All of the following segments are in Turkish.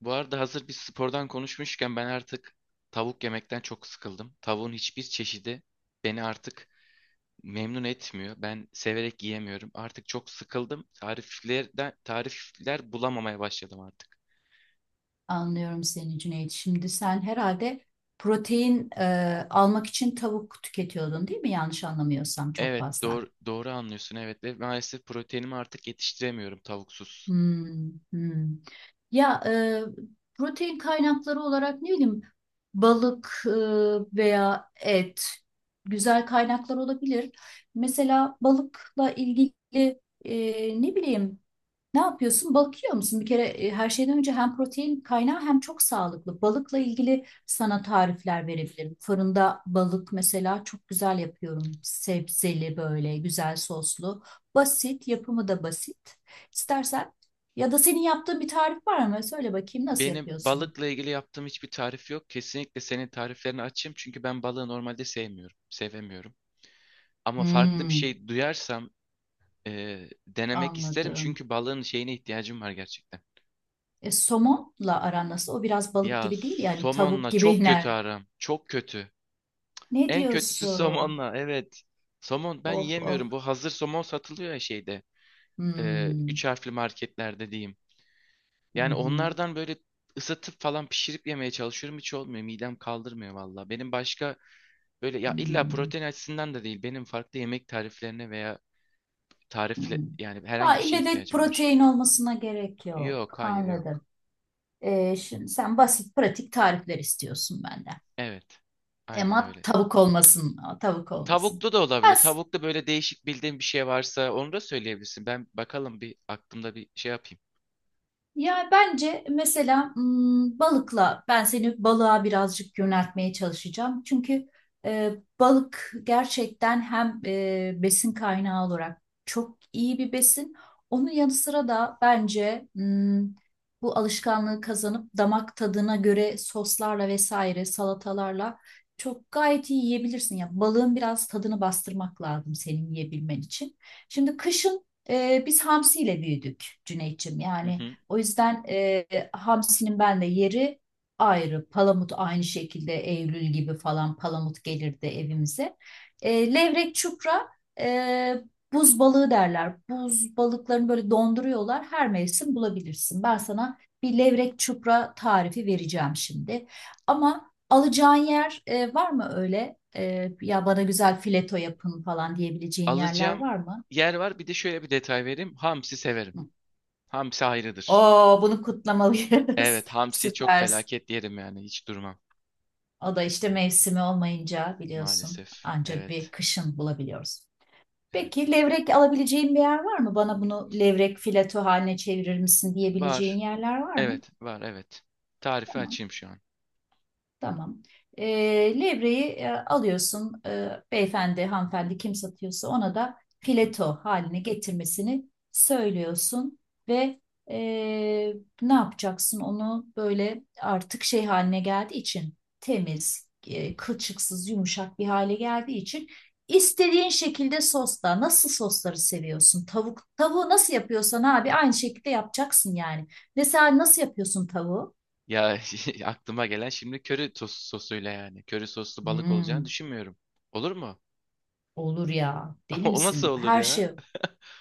Bu arada hazır bir spordan konuşmuşken ben artık tavuk yemekten çok sıkıldım. Tavuğun hiçbir çeşidi beni artık memnun etmiyor. Ben severek yiyemiyorum. Artık çok sıkıldım. Tariflerden tarifler bulamamaya başladım artık. Anlıyorum seni Cüneyt. Şimdi sen herhalde protein almak için tavuk tüketiyordun, değil mi? Yanlış anlamıyorsam çok Evet, fazla. doğru anlıyorsun. Evet ve maalesef proteinimi artık yetiştiremiyorum tavuksuz. Hmm, hmm. Ya protein kaynakları olarak, ne bileyim, balık veya et güzel kaynaklar olabilir. Mesela balıkla ilgili ne bileyim, ne yapıyorsun? Bakıyor musun? Bir kere her şeyden önce hem protein kaynağı hem çok sağlıklı. Balıkla ilgili sana tarifler verebilirim. Fırında balık mesela çok güzel yapıyorum. Sebzeli, böyle güzel soslu. Basit, yapımı da basit. İstersen, ya da senin yaptığın bir tarif var mı? Söyle bakayım, nasıl Benim yapıyorsun? balıkla ilgili yaptığım hiçbir tarif yok. Kesinlikle senin tariflerini açayım çünkü ben balığı normalde sevmiyorum, sevemiyorum. Ama farklı bir Hmm, şey duyarsam denemek isterim anladım. çünkü balığın şeyine ihtiyacım var gerçekten. Somonla aran nasıl? O biraz balık Ya gibi değil, yani tavuk somonla gibi çok kötü iner. aram. Çok kötü. Ne En kötüsü diyorsun? somonla. Evet. Somon ben Of of. yiyemiyorum. Bu hazır somon satılıyor ya şeyde. Hmm. Üç harfli marketlerde diyeyim. Hı Yani hı. onlardan böyle ısıtıp falan pişirip yemeye çalışıyorum. Hiç olmuyor. Midem kaldırmıyor valla. Benim başka böyle ya illa Hmm, protein açısından da değil. Benim farklı yemek tariflerine veya tarifle hmm. yani Ha, herhangi bir şeye ille de ihtiyacım var. protein olmasına gerek yok. Yok, hayır Anladım. yok. Şimdi sen basit, pratik tarifler istiyorsun benden. Evet. Aynen Ama öyle. tavuk olmasın. Tavuk olmasın. Tavuklu da Ben olabilir. Tavuklu böyle değişik bildiğin bir şey varsa onu da söyleyebilirsin. Ben bakalım bir aklımda bir şey yapayım. Ya bence mesela hmm, balıkla ben seni balığa birazcık yöneltmeye çalışacağım. Çünkü e, balık gerçekten hem besin kaynağı olarak çok iyi bir besin. Onun yanı sıra da bence hmm, bu alışkanlığı kazanıp damak tadına göre soslarla vesaire, salatalarla çok gayet iyi yiyebilirsin. Ya balığın biraz tadını bastırmak lazım, senin yiyebilmen için. Şimdi kışın biz hamsiyle büyüdük Cüneyt'ciğim. Hı Yani hı. o yüzden hamsinin benle yeri ayrı. Palamut aynı şekilde, Eylül gibi falan palamut gelirdi evimize. Levrek, çupra, e, buz balığı derler. Buz balıklarını böyle donduruyorlar. Her mevsim bulabilirsin. Ben sana bir levrek, çupra tarifi vereceğim şimdi. Ama alacağın yer var mı öyle? E, ya bana güzel fileto yapın falan diyebileceğin yerler Alacağım var mı? yer var. Bir de şöyle bir detay vereyim. Hamsi severim. Hı. Hamsi ayrıdır. Oo, bunu kutlamalıyız. Evet, hamsi çok Süper. felaket yerim yani. Hiç durmam O da işte mevsimi olmayınca biliyorsun, maalesef. ancak bir Evet. kışın bulabiliyoruz. Evet. Peki levrek alabileceğin bir yer var mı? Bana bunu levrek fileto haline çevirir misin diyebileceğin Var. yerler var mı? Evet, var, evet. Tarifi Tamam. açayım şu an. Tamam. Levreyi alıyorsun. Beyefendi, hanımefendi, kim satıyorsa ona da Hı hı. fileto haline getirmesini söylüyorsun ve e, ne yapacaksın, onu böyle artık şey haline geldiği için, temiz, kılçıksız, yumuşak bir hale geldiği için istediğin şekilde sosla, nasıl sosları seviyorsun? Tavuk, tavuğu nasıl yapıyorsan abi, aynı şekilde yapacaksın yani. Mesela nasıl yapıyorsun tavuğu? Ya aklıma gelen şimdi köri sos, sosuyla yani. Köri soslu balık olacağını Hmm. düşünmüyorum. Olur mu? Olur ya, değil O nasıl misin? olur Her ya? şey.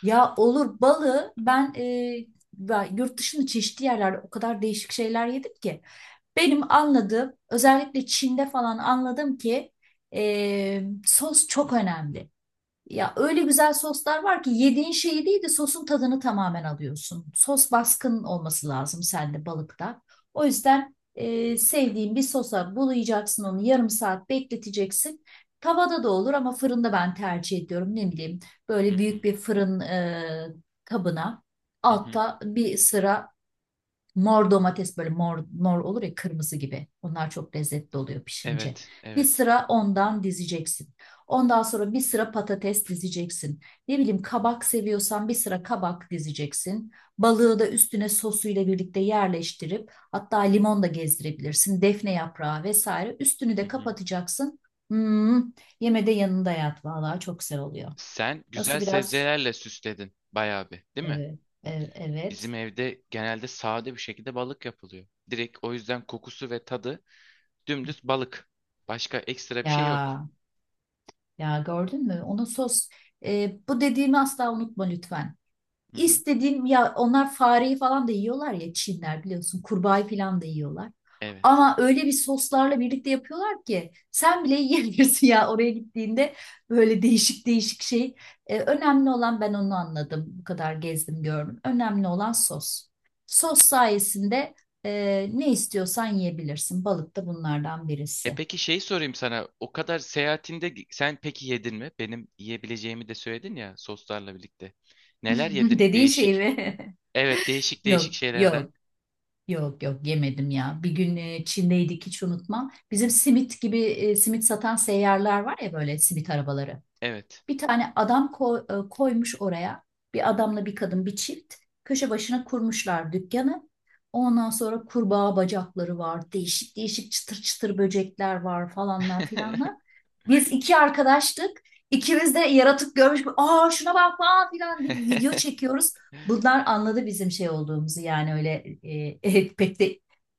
Ya olur balı ben, ben yurt dışında çeşitli yerlerde o kadar değişik şeyler yedim ki. Benim anladığım, özellikle Çin'de falan anladım ki sos çok önemli. Ya öyle güzel soslar var ki yediğin şeyi değil de sosun tadını tamamen alıyorsun. Sos baskın olması lazım sende, balıkta. O yüzden sevdiğin bir sosa bulayacaksın, onu yarım saat bekleteceksin. Tavada da olur ama fırında ben tercih ediyorum. Ne bileyim, Hı böyle hı. büyük bir fırın kabına, Hı hı. altta bir sıra mor domates, böyle mor olur ya, kırmızı gibi. Onlar çok lezzetli oluyor pişince. Evet, Bir evet. sıra ondan dizeceksin. Ondan sonra bir sıra patates dizeceksin. Ne bileyim, kabak seviyorsan bir sıra kabak dizeceksin. Balığı da üstüne sosuyla birlikte yerleştirip, hatta limon da gezdirebilirsin. Defne yaprağı vesaire. Üstünü Hı de hı. kapatacaksın. Hmm, yemede yanında yat. Vallahi çok güzel oluyor. Sen güzel Nasıl biraz? sebzelerle süsledin bayağı bir, değil mi? Evet, evet, Bizim evet. evde genelde sade bir şekilde balık yapılıyor. Direkt o yüzden kokusu ve tadı dümdüz balık. Başka ekstra bir şey yok. Ya ya gördün mü? Onun sos bu dediğimi asla unutma lütfen. Hı hı. İstediğim ya, onlar fareyi falan da yiyorlar ya, Çinler biliyorsun kurbağayı falan da yiyorlar. Evet. Ama öyle bir soslarla birlikte yapıyorlar ki sen bile yiyebilirsin ya, oraya gittiğinde böyle değişik değişik şey. E, önemli olan, ben onu anladım. Bu kadar gezdim gördüm. Önemli olan sos. Sos sayesinde e, ne istiyorsan yiyebilirsin. Balık da bunlardan E birisi. peki şey sorayım sana. O kadar seyahatinde sen peki yedin mi? Benim yiyebileceğimi de söyledin ya soslarla birlikte. Neler yedin? Dediğin şey Değişik. mi? Evet, değişik değişik Yok, şeylerden. yok. Yok yok, yemedim ya. Bir gün Çin'deydik, hiç unutmam. Bizim simit gibi, simit satan seyyarlar var ya, böyle simit arabaları. Evet. Bir tane adam koymuş oraya. Bir adamla bir kadın, bir çift. Köşe başına kurmuşlar dükkanı. Ondan sonra kurbağa bacakları var. Değişik değişik çıtır çıtır böcekler var, falanlar filanlar. Biz iki arkadaştık. İkimiz de yaratık görmüş. Aa şuna bak falan filan, bir video çekiyoruz. Bunlar anladı bizim şey olduğumuzu, yani öyle e, pek de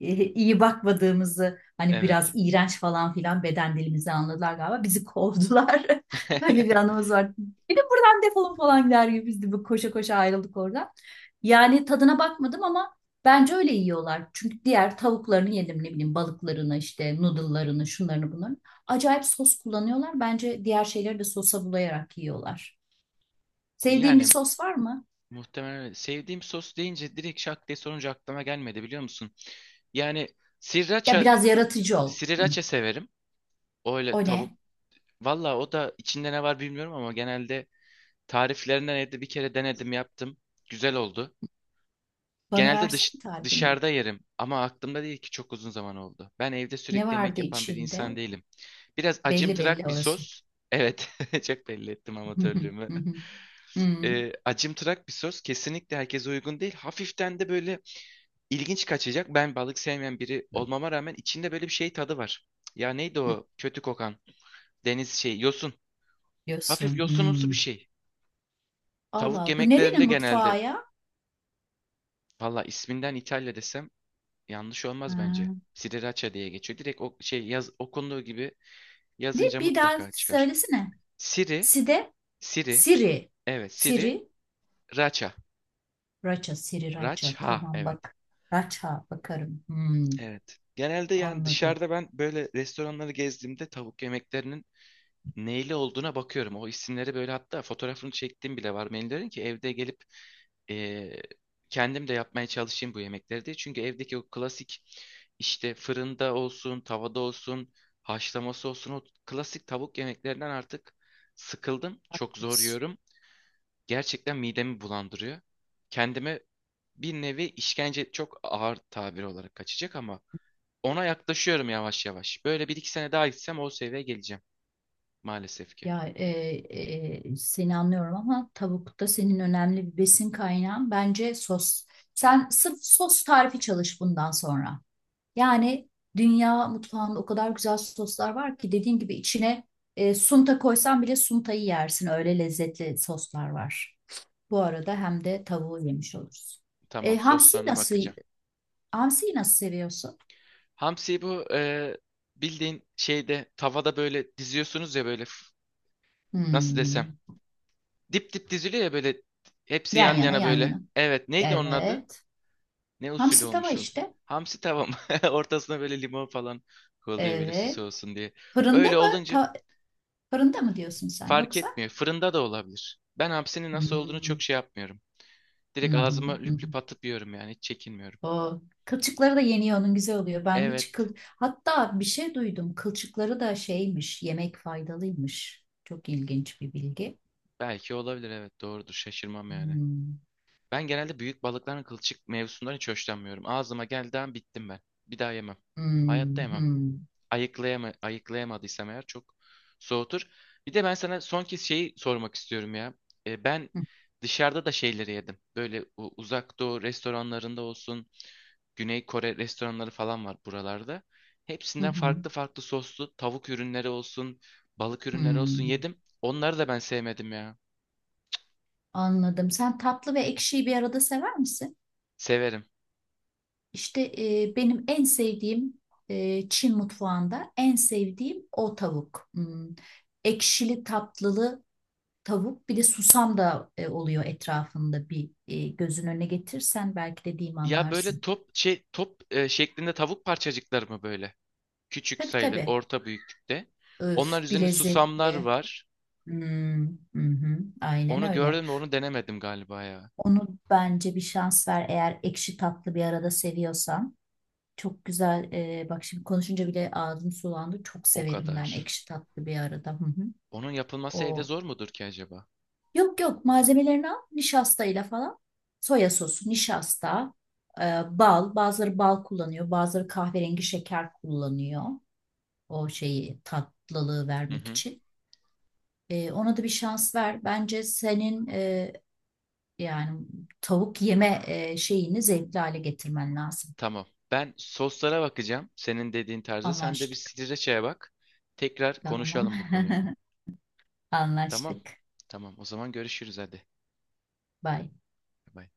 iyi bakmadığımızı, hani biraz Evet. iğrenç falan filan, beden dilimizi anladılar galiba, bizi kovdular. Öyle bir anımız var. Bir de buradan defolun falan der gibi, biz de bu koşa koşa ayrıldık oradan. Yani tadına bakmadım ama bence öyle yiyorlar. Çünkü diğer tavuklarını yedim, ne bileyim, balıklarını, işte noodle'larını, şunlarını bunlarını. Acayip sos kullanıyorlar. Bence diğer şeyleri de sosa bulayarak yiyorlar. Sevdiğin bir Yani sos var mı? muhtemelen öyle. Sevdiğim sos deyince direkt şak diye sorunca aklıma gelmedi biliyor musun? Yani Ya sriracha, biraz yaratıcı ol. Hı. sriracha severim. O O öyle tavuk. ne? Valla o da içinde ne var bilmiyorum ama genelde tariflerinden evde bir kere denedim yaptım. Güzel oldu. Bana Genelde versene tarifini. dışarıda yerim ama aklımda değil ki çok uzun zaman oldu. Ben evde Ne sürekli yemek vardı yapan bir içinde? insan değilim. Biraz Belli belli acımtırak bir orası. sos. Evet, çok belli ettim Hı hı, amatörlüğümü. hı hı, hı Acımtırak bir sos kesinlikle herkese uygun değil. Hafiften de böyle ilginç kaçacak. Ben balık sevmeyen biri olmama rağmen içinde böyle bir şey tadı var. Ya neydi hı, o kötü kokan deniz şey yosun. Hafif yosunumsu bir şey. Allah Tavuk Allah. Bu yemeklerinde nerenin genelde. mutfağı ya? Valla isminden İtalya desem yanlış olmaz bence. Ha. Sriracha diye geçiyor. Direkt o şey yaz, okunduğu gibi Ne? yazınca Bir daha mutlaka çıkar. söylesene. Siri, Side, Siri, Siri. evet Siri, Siri, Racha. Raça, Siri, Raça. Racha, Tamam evet. bak. Raça bakarım. Hmm, Evet. Genelde yani anladım. dışarıda ben böyle restoranları gezdiğimde tavuk yemeklerinin neyle olduğuna bakıyorum. O isimleri böyle hatta fotoğrafını çektiğim bile var. Menülerin ki evde gelip eee, kendim de yapmaya çalışayım bu yemekleri diye. Çünkü evdeki o klasik işte fırında olsun, tavada olsun, haşlaması olsun o klasik tavuk yemeklerinden artık sıkıldım. Çok zor Haklısın. yiyorum. Gerçekten midemi bulandırıyor. Kendime bir nevi işkence çok ağır tabir olarak kaçacak ama ona yaklaşıyorum yavaş yavaş. Böyle bir iki sene daha gitsem o seviyeye geleceğim maalesef ki. Ya seni anlıyorum ama tavuk da senin önemli bir besin kaynağın. Bence sos. Sen sırf sos tarifi çalış bundan sonra. Yani dünya mutfağında o kadar güzel soslar var ki, dediğim gibi içine sunta koysan bile suntayı yersin. Öyle lezzetli soslar var. Bu arada hem de tavuğu yemiş oluruz. E, Tamam hamsiyi soslarına nasıl bakacağım. hamsiyi nasıl seviyorsun? Hamsiyi bu bildiğin şeyde tavada böyle diziyorsunuz ya böyle nasıl desem. Hmm. Dip dip diziliyor ya böyle hepsi yan Yan yana, yana yan böyle. yana. Evet neydi onun adı? Evet. Ne usulü Hamsi tava olmuş oluyor? işte. Hamsi tava mı? Ortasına böyle limon falan koyuluyor böyle süs Evet. olsun diye. Fırında Öyle mı? olunca Fırında mı diyorsun sen fark yoksa? etmiyor. Fırında da olabilir. Ben hapsinin nasıl olduğunu Hmm. çok şey yapmıyorum. Hı Direkt hı ağzıma hı, hı. lüp lüp atıp yiyorum yani. Hiç çekinmiyorum. O kılçıkları da yeniyor onun, güzel oluyor. Ben hiç Evet. kıl, hatta bir şey duydum. Kılçıkları da şeymiş, yemek faydalıymış. Çok ilginç bir bilgi. Belki olabilir. Evet. Doğrudur. Şaşırmam yani. Hmm, Ben genelde büyük balıkların kılçık mevzusundan hiç hoşlanmıyorum. Ağzıma geldiği an bittim ben. Bir daha yemem. Hayatta hmm, yemem. hmm, Ayıklayamadıysam eğer çok soğutur. Bir de ben sana son kez şeyi sormak istiyorum ya. Ben hı, dışarıda da şeyleri yedim. Böyle uzak doğu restoranlarında olsun, Güney Kore restoranları falan var buralarda. hı, Hepsinden hı, farklı farklı soslu tavuk ürünleri olsun, balık ürünleri olsun hmm. yedim. Onları da ben sevmedim ya. Anladım. Sen tatlı ve ekşiyi bir arada sever misin? Severim. İşte benim en sevdiğim, Çin mutfağında en sevdiğim o tavuk. Hmm. Ekşili tatlılı tavuk, bir de susam da oluyor etrafında, bir gözün önüne getirsen belki dediğimi Ya böyle anlarsın. top şey şeklinde tavuk parçacıkları mı böyle? Küçük Tabii sayılır, tabii. orta büyüklükte. Onlar Öf bir üzerine susamlar lezzetli. var. Hmm, hı hı, aynen Onu öyle. gördüm de onu denemedim galiba ya. Onu bence bir şans ver, eğer ekşi tatlı bir arada seviyorsan. Çok güzel. Bak şimdi konuşunca bile ağzım sulandı. Çok O severim kadar. ben ekşi tatlı bir arada. Hı hı. Onun yapılması evde O zor mudur ki acaba? yok yok, malzemelerini al nişastayla falan. Soya sosu, nişasta, e, bal. Bazıları bal kullanıyor, bazıları kahverengi şeker kullanıyor. O şeyi, tatlılığı Hı vermek hı. için. Ona da bir şans ver. Bence senin yani tavuk yeme şeyini zevkli hale getirmen lazım. Tamam. Ben soslara bakacağım. Senin dediğin tarzda. Sen de bir Anlaştık. sriracha'ya bak. Tekrar Tamam. konuşalım bu konuyu. Tamam. Anlaştık. Tamam. O zaman görüşürüz hadi. Bye. Bay bay.